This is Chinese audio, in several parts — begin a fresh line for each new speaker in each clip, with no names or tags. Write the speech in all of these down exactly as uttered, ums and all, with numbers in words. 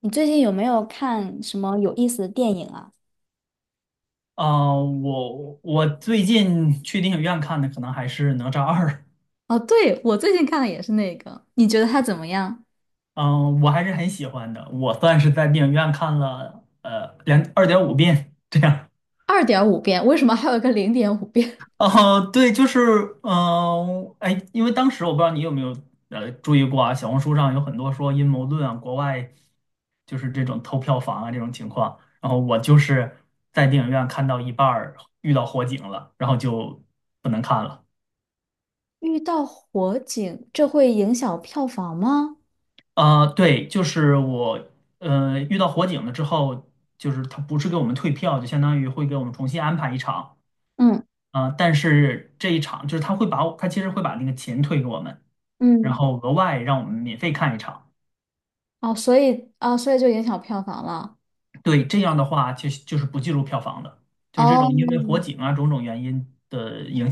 你最近有没有看什么有意思的电影啊？
啊，我我最近去电影院看的可能还是《哪吒二》，
哦，对，我最近看的也是那个，你觉得它怎么样？
嗯，我还是很喜欢的。我算是在电影院看了呃两二点五遍这样。
二点五遍，为什么还有个零点五遍？
哦、对，就是嗯、呃哎，因为当时我不知道你有没有呃注意过啊，小红书上有很多说阴谋论啊，国外就是这种偷票房啊这种情况。然后我就是在电影院看到一半儿遇到火警了，然后就不能看了。
遇到火警，这会影响票房吗？
呃，对，就是我，呃，遇到火警了之后，就是他不是给我们退票，就相当于会给我们重新安排一场，
嗯。
啊。但是这一场就是他会把我，他其实会把那个钱退给我们，然
嗯。
后额外让我们免费看一场。
哦，所以啊，所以就影响票房了。
对，这样的话就就是不计入票房的，就是这种
哦。
因为火警啊种种原因的影，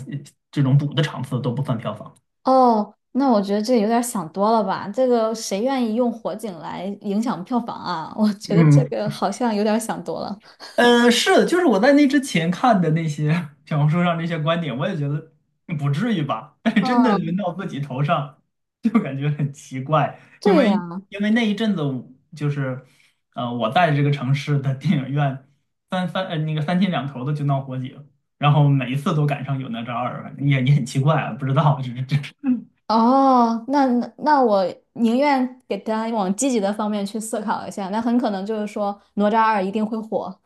这种补的场次都不算票房。
哦，那我觉得这有点想多了吧？这个谁愿意用火警来影响票房啊？我觉得这
嗯，
个好像有点想多了。
呃，是的，就是我在那之前看的那些 小红书上那些观点，我也觉得不至于吧，但是真的轮
嗯，
到自己头上，就感觉很奇怪，因
对
为
呀。
因为那一阵子我就是，呃，我在这个城市的电影院三三呃那个三天两头的就闹火警，然后每一次都赶上有那张儿，也也很奇怪啊，不知道这这，
哦，那那那我宁愿给大家往积极的方面去思考一下，那很可能就是说哪吒二一定会火。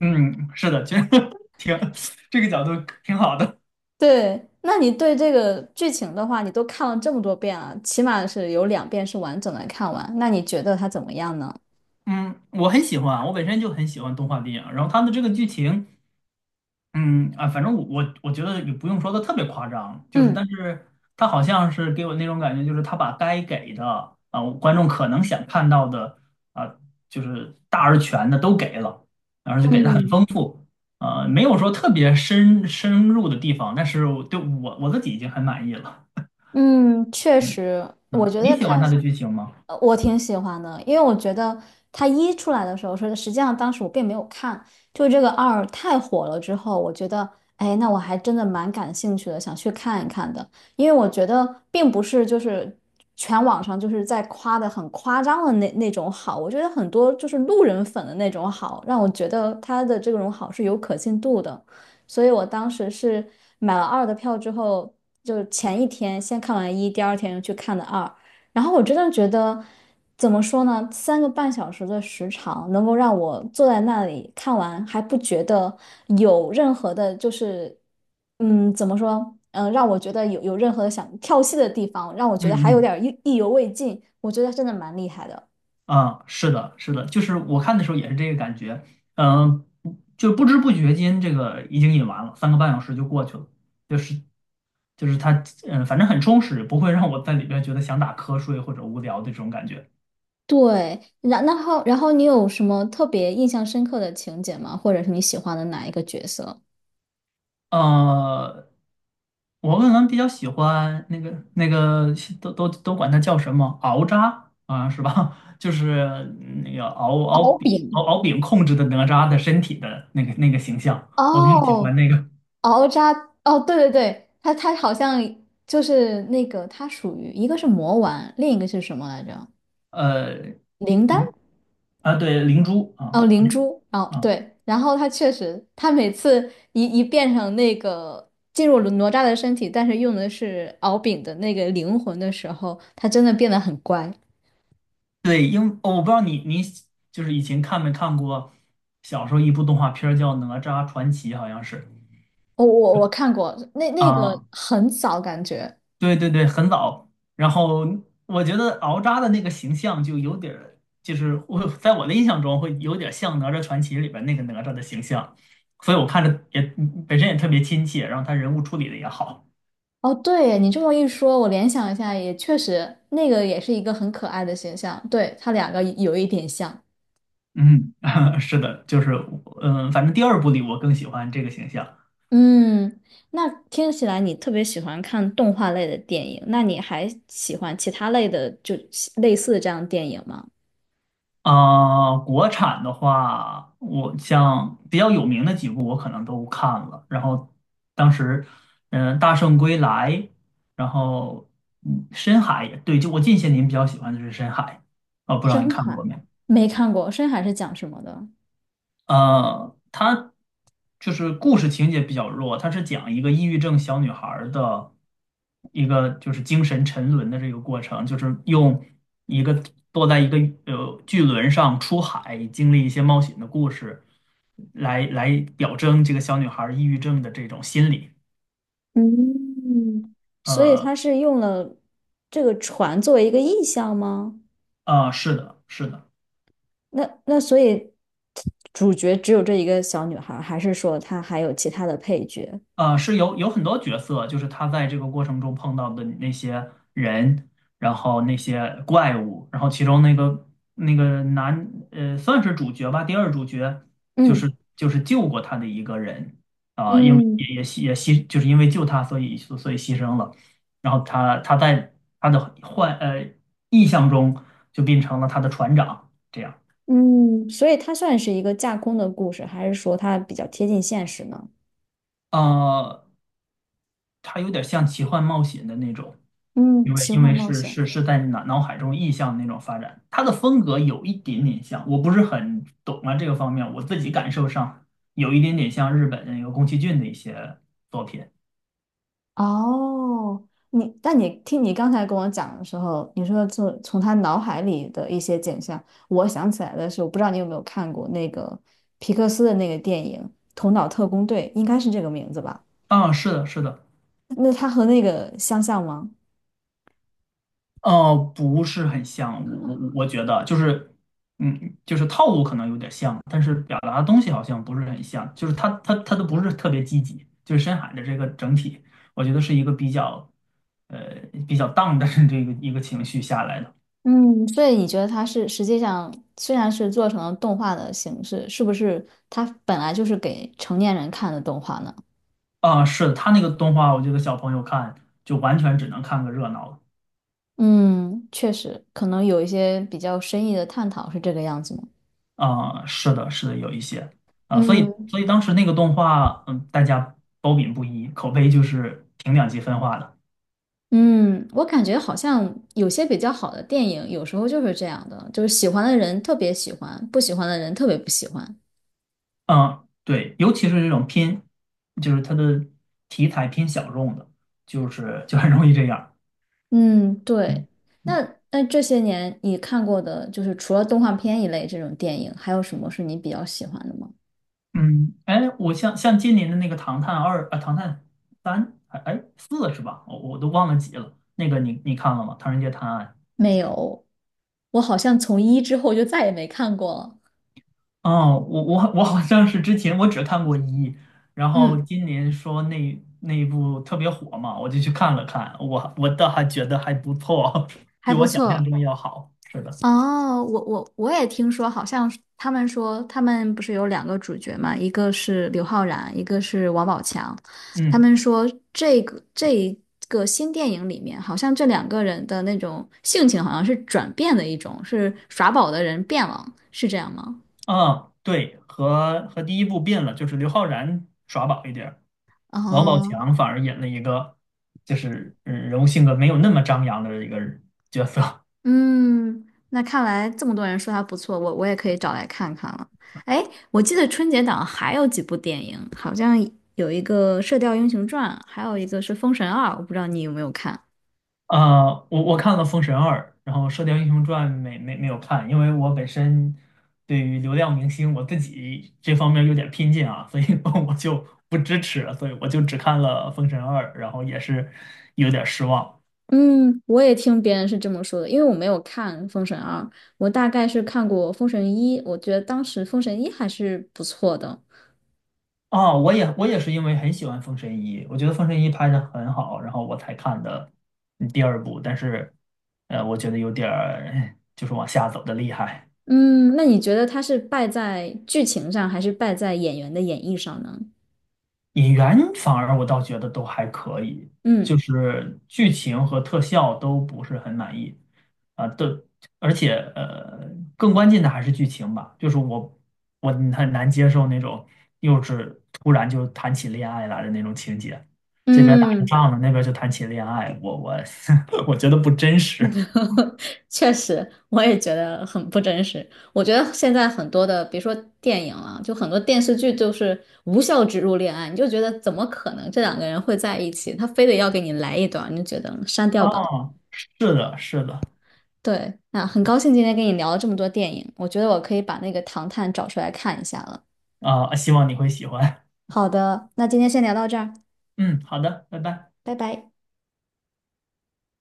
嗯，是的，其实 挺这个角度挺好的。
对，那你对这个剧情的话，你都看了这么多遍了，起码是有两遍是完整的看完，那你觉得它怎么样呢？
嗯，我很喜欢，我本身就很喜欢动画电影，然后它的这个剧情。嗯啊，反正我我我觉得也不用说的特别夸张，就是但
嗯。
是他好像是给我那种感觉，就是他把该给的啊、观众可能想看到的啊、就是大而全的都给了，而且给的很
嗯。
丰富，呃，没有说特别深深入的地方，但是我对我我自己已经很满意了。
嗯，确
嗯
实，我
嗯，
觉
你
得
喜欢
看，
他的剧情吗？
呃我挺喜欢的，因为我觉得它一出来的时候，说实际上当时我并没有看，就这个二太火了之后，我觉得，哎，那我还真的蛮感兴趣的，想去看一看的，因为我觉得并不是就是全网上就是在夸的很夸张的那那种好，我觉得很多就是路人粉的那种好，让我觉得他的这种好是有可信度的。所以我当时是买了二的票之后，就前一天先看完一，第二天又去看的二。然后我真的觉得，怎么说呢？三个半小时的时长能够让我坐在那里看完，还不觉得有任何的，就是嗯，怎么说？嗯，让我觉得有有任何想跳戏的地方，让我
嗯
觉得还有
嗯
点儿意意犹未尽。我觉得真的蛮厉害的。
啊，是的，是的，就是我看的时候也是这个感觉，嗯，就不知不觉间这个已经演完了，三个半小时就过去了，就是就是它，嗯，反正很充实，不会让我在里边觉得想打瞌睡或者无聊的这种感觉。
对，然然后然后你有什么特别印象深刻的情节吗？或者是你喜欢的哪一个角色？
呃，我可能比较喜欢那个那个都都都管它叫什么熬渣啊，是吧？就是嗯那个敖敖
敖
饼敖
丙。
熬饼控制的哪吒的身体的那个那个形象，我比较喜
哦，
欢那个
敖渣。哦，对对对，他他好像就是那个，他属于一个是魔丸，另一个是什么来着？
呃。
灵丹。
啊，对，灵珠啊
哦，灵珠。哦，
啊，
对，然后他确实，他每次一一变成那个进入了哪吒的身体，但是用的是敖丙的那个灵魂的时候，他真的变得很乖。
对，因哦我不知道你你就是以前看没看过，小时候一部动画片儿叫《哪吒传奇》，好像是
我我我看过那那个
啊，
很早感觉。
对对对，很早。然后我觉得敖吒的那个形象就有点儿，就是我在我的印象中会有点像《哪吒传奇》里边那个哪吒的形象，所以我看着也本身也特别亲切，然后他人物处理的也好。
哦，对，你这么一说，我联想一下，也确实，那个也是一个很可爱的形象，对，它两个有一点像。
嗯，是的，就是嗯，反正第二部里我更喜欢这个形象。
嗯，那听起来你特别喜欢看动画类的电影，那你还喜欢其他类的，就类似这样的电影吗？
啊、国产的话，我像比较有名的几部，我可能都看了。然后当时，嗯、大圣归来》，然后嗯，《深海》也对，就我近些年比较喜欢的是《深海》，啊、不知道你
深
看
海。
过没？有？
没看过，深海是讲什么的？
呃，它就是故事情节比较弱，它是讲一个抑郁症小女孩儿的一个就是精神沉沦的这个过程，就是用一个坐在一个呃巨轮上出海，经历一些冒险的故事，来来表征这个小女孩儿抑郁症的这种心理。
嗯，所以它
呃
是用了这个船作为一个意象吗？
啊，是的，是的。
那那所以主角只有这一个小女孩儿还是说她还有其他的配角？
呃，是有有很多角色，就是他在这个过程中碰到的那些人，然后那些怪物，然后其中那个那个男，呃，算是主角吧，第二主角就
嗯。
是就是救过他的一个人啊、因为
嗯。
也也牺也牺，就是因为救他，所以所以牺牲了。然后他他在他的幻呃意象中就变成了他的船长，这样，
嗯，所以它算是一个架空的故事，还是说它比较贴近现实呢？
呃，他有点像奇幻冒险的那种。因
嗯，
为
奇
因
幻
为
冒
是
险。
是是在脑脑海中意象的那种发展，他的风格有一点点像，我不是很懂啊这个方面，我自己感受上有一点点像日本那个宫崎骏的一些作品。
哦，你，但你听你刚才跟我讲的时候，你说从从他脑海里的一些景象，我想起来的是，我不知道你有没有看过那个皮克斯的那个电影《头脑特工队》，应该是这个名字吧？
啊，是的，是的，
那它和那个相像吗？
哦，不是很像，我我我觉得就是，嗯，就是套路可能有点像，但是表达的东西好像不是很像，就是他他他都不是特别积极，就是深海的这个整体，我觉得是一个比较。呃，比较 down 的这个一个情绪下来的。
嗯，所以你觉得它是实际上虽然是做成了动画的形式，是不是它本来就是给成年人看的动画呢？
啊，是的，他那个动画，我觉得小朋友看就完全只能看个热闹了。
嗯，确实，可能有一些比较深意的探讨是这个样子吗？
啊，是的，是的，有一些啊，所以
嗯。
所以当时那个动画，嗯，大家褒贬不一，口碑就是挺两极分化的。
嗯，我感觉好像有些比较好的电影，有时候就是这样的，就是喜欢的人特别喜欢，不喜欢的人特别不喜欢。
嗯，对，尤其是这种偏，就是它的题材偏小众的，就是就很容易这样。
嗯，
嗯
对。那那这些年你看过的，就是除了动画片一类这种电影，还有什么是你比较喜欢的吗？
嗯，哎，我像像今年的那个《唐探二》啊，《唐探三》哎哎四是吧？我我都忘了几了。那个你你看了吗？《唐人街探案》
没有，我好像从一之后就再也没看过了。
哦，我我我好像是之前我只看过一，然后
嗯，
今年说那那一部特别火嘛，我就去看了看，我我倒还觉得还不错，比
还不
我想象
错。
中要好。是的，
哦，我我我也听说，好像是他们说他们不是有两个主角嘛，一个是刘昊然，一个是王宝强。他
嗯
们说这个这一个新电影里面，好像这两个人的那种性情好像是转变的一种，是耍宝的人变了，是这样吗？
嗯，对，和和第一部变了，就是刘昊然耍宝一点儿王宝
哦。
强反而演了一个就是呃人物性格没有那么张扬的一个人角色。
嗯，那看来这么多人说它不错，我我也可以找来看看了。哎，我记得春节档还有几部电影，好像有一个《射雕英雄传》，还有一个是《封神二》，我不知道你有没有看。
呃，我我看了《封神二》，然后《射雕英雄传》没没没有看，因为我本身对于流量明星我自己这方面有点偏见啊，所以 我就不支持，所以我就只看了《封神二》，然后也是有点失望
嗯，我也听别人是这么说的，因为我没有看《封神二》，我大概是看过《封神一》，我觉得当时《封神一》还是不错的。
啊。我也我也是因为很喜欢《封神一》，我觉得《封神一》拍的很好，然后我才看的嗯第二部，但是呃，我觉得有点儿哎就是往下走的厉害。
嗯，那你觉得它是败在剧情上，还是败在演员的演绎上呢？
演员反而我倒觉得都还可以，就
嗯。
是剧情和特效都不是很满意，啊、都而且呃，更关键的还是剧情吧，就是我我很难接受那种幼稚突然就谈起恋爱来的那种情节，这边打着
嗯。
仗呢，那边就谈起恋爱，我我 我觉得不真实。
确实，我也觉得很不真实。我觉得现在很多的，别说电影了，就很多电视剧就是无效植入恋爱，你就觉得怎么可能这两个人会在一起？他非得要给你来一段，你就觉得删掉
啊，
吧。
是的，是的，
对，那很高兴今天跟你聊了这么多电影，我觉得我可以把那个《唐探》找出来看一下了。
啊、希望你会喜欢。
好的，那今天先聊到这儿，
嗯，好的，拜拜。
拜拜。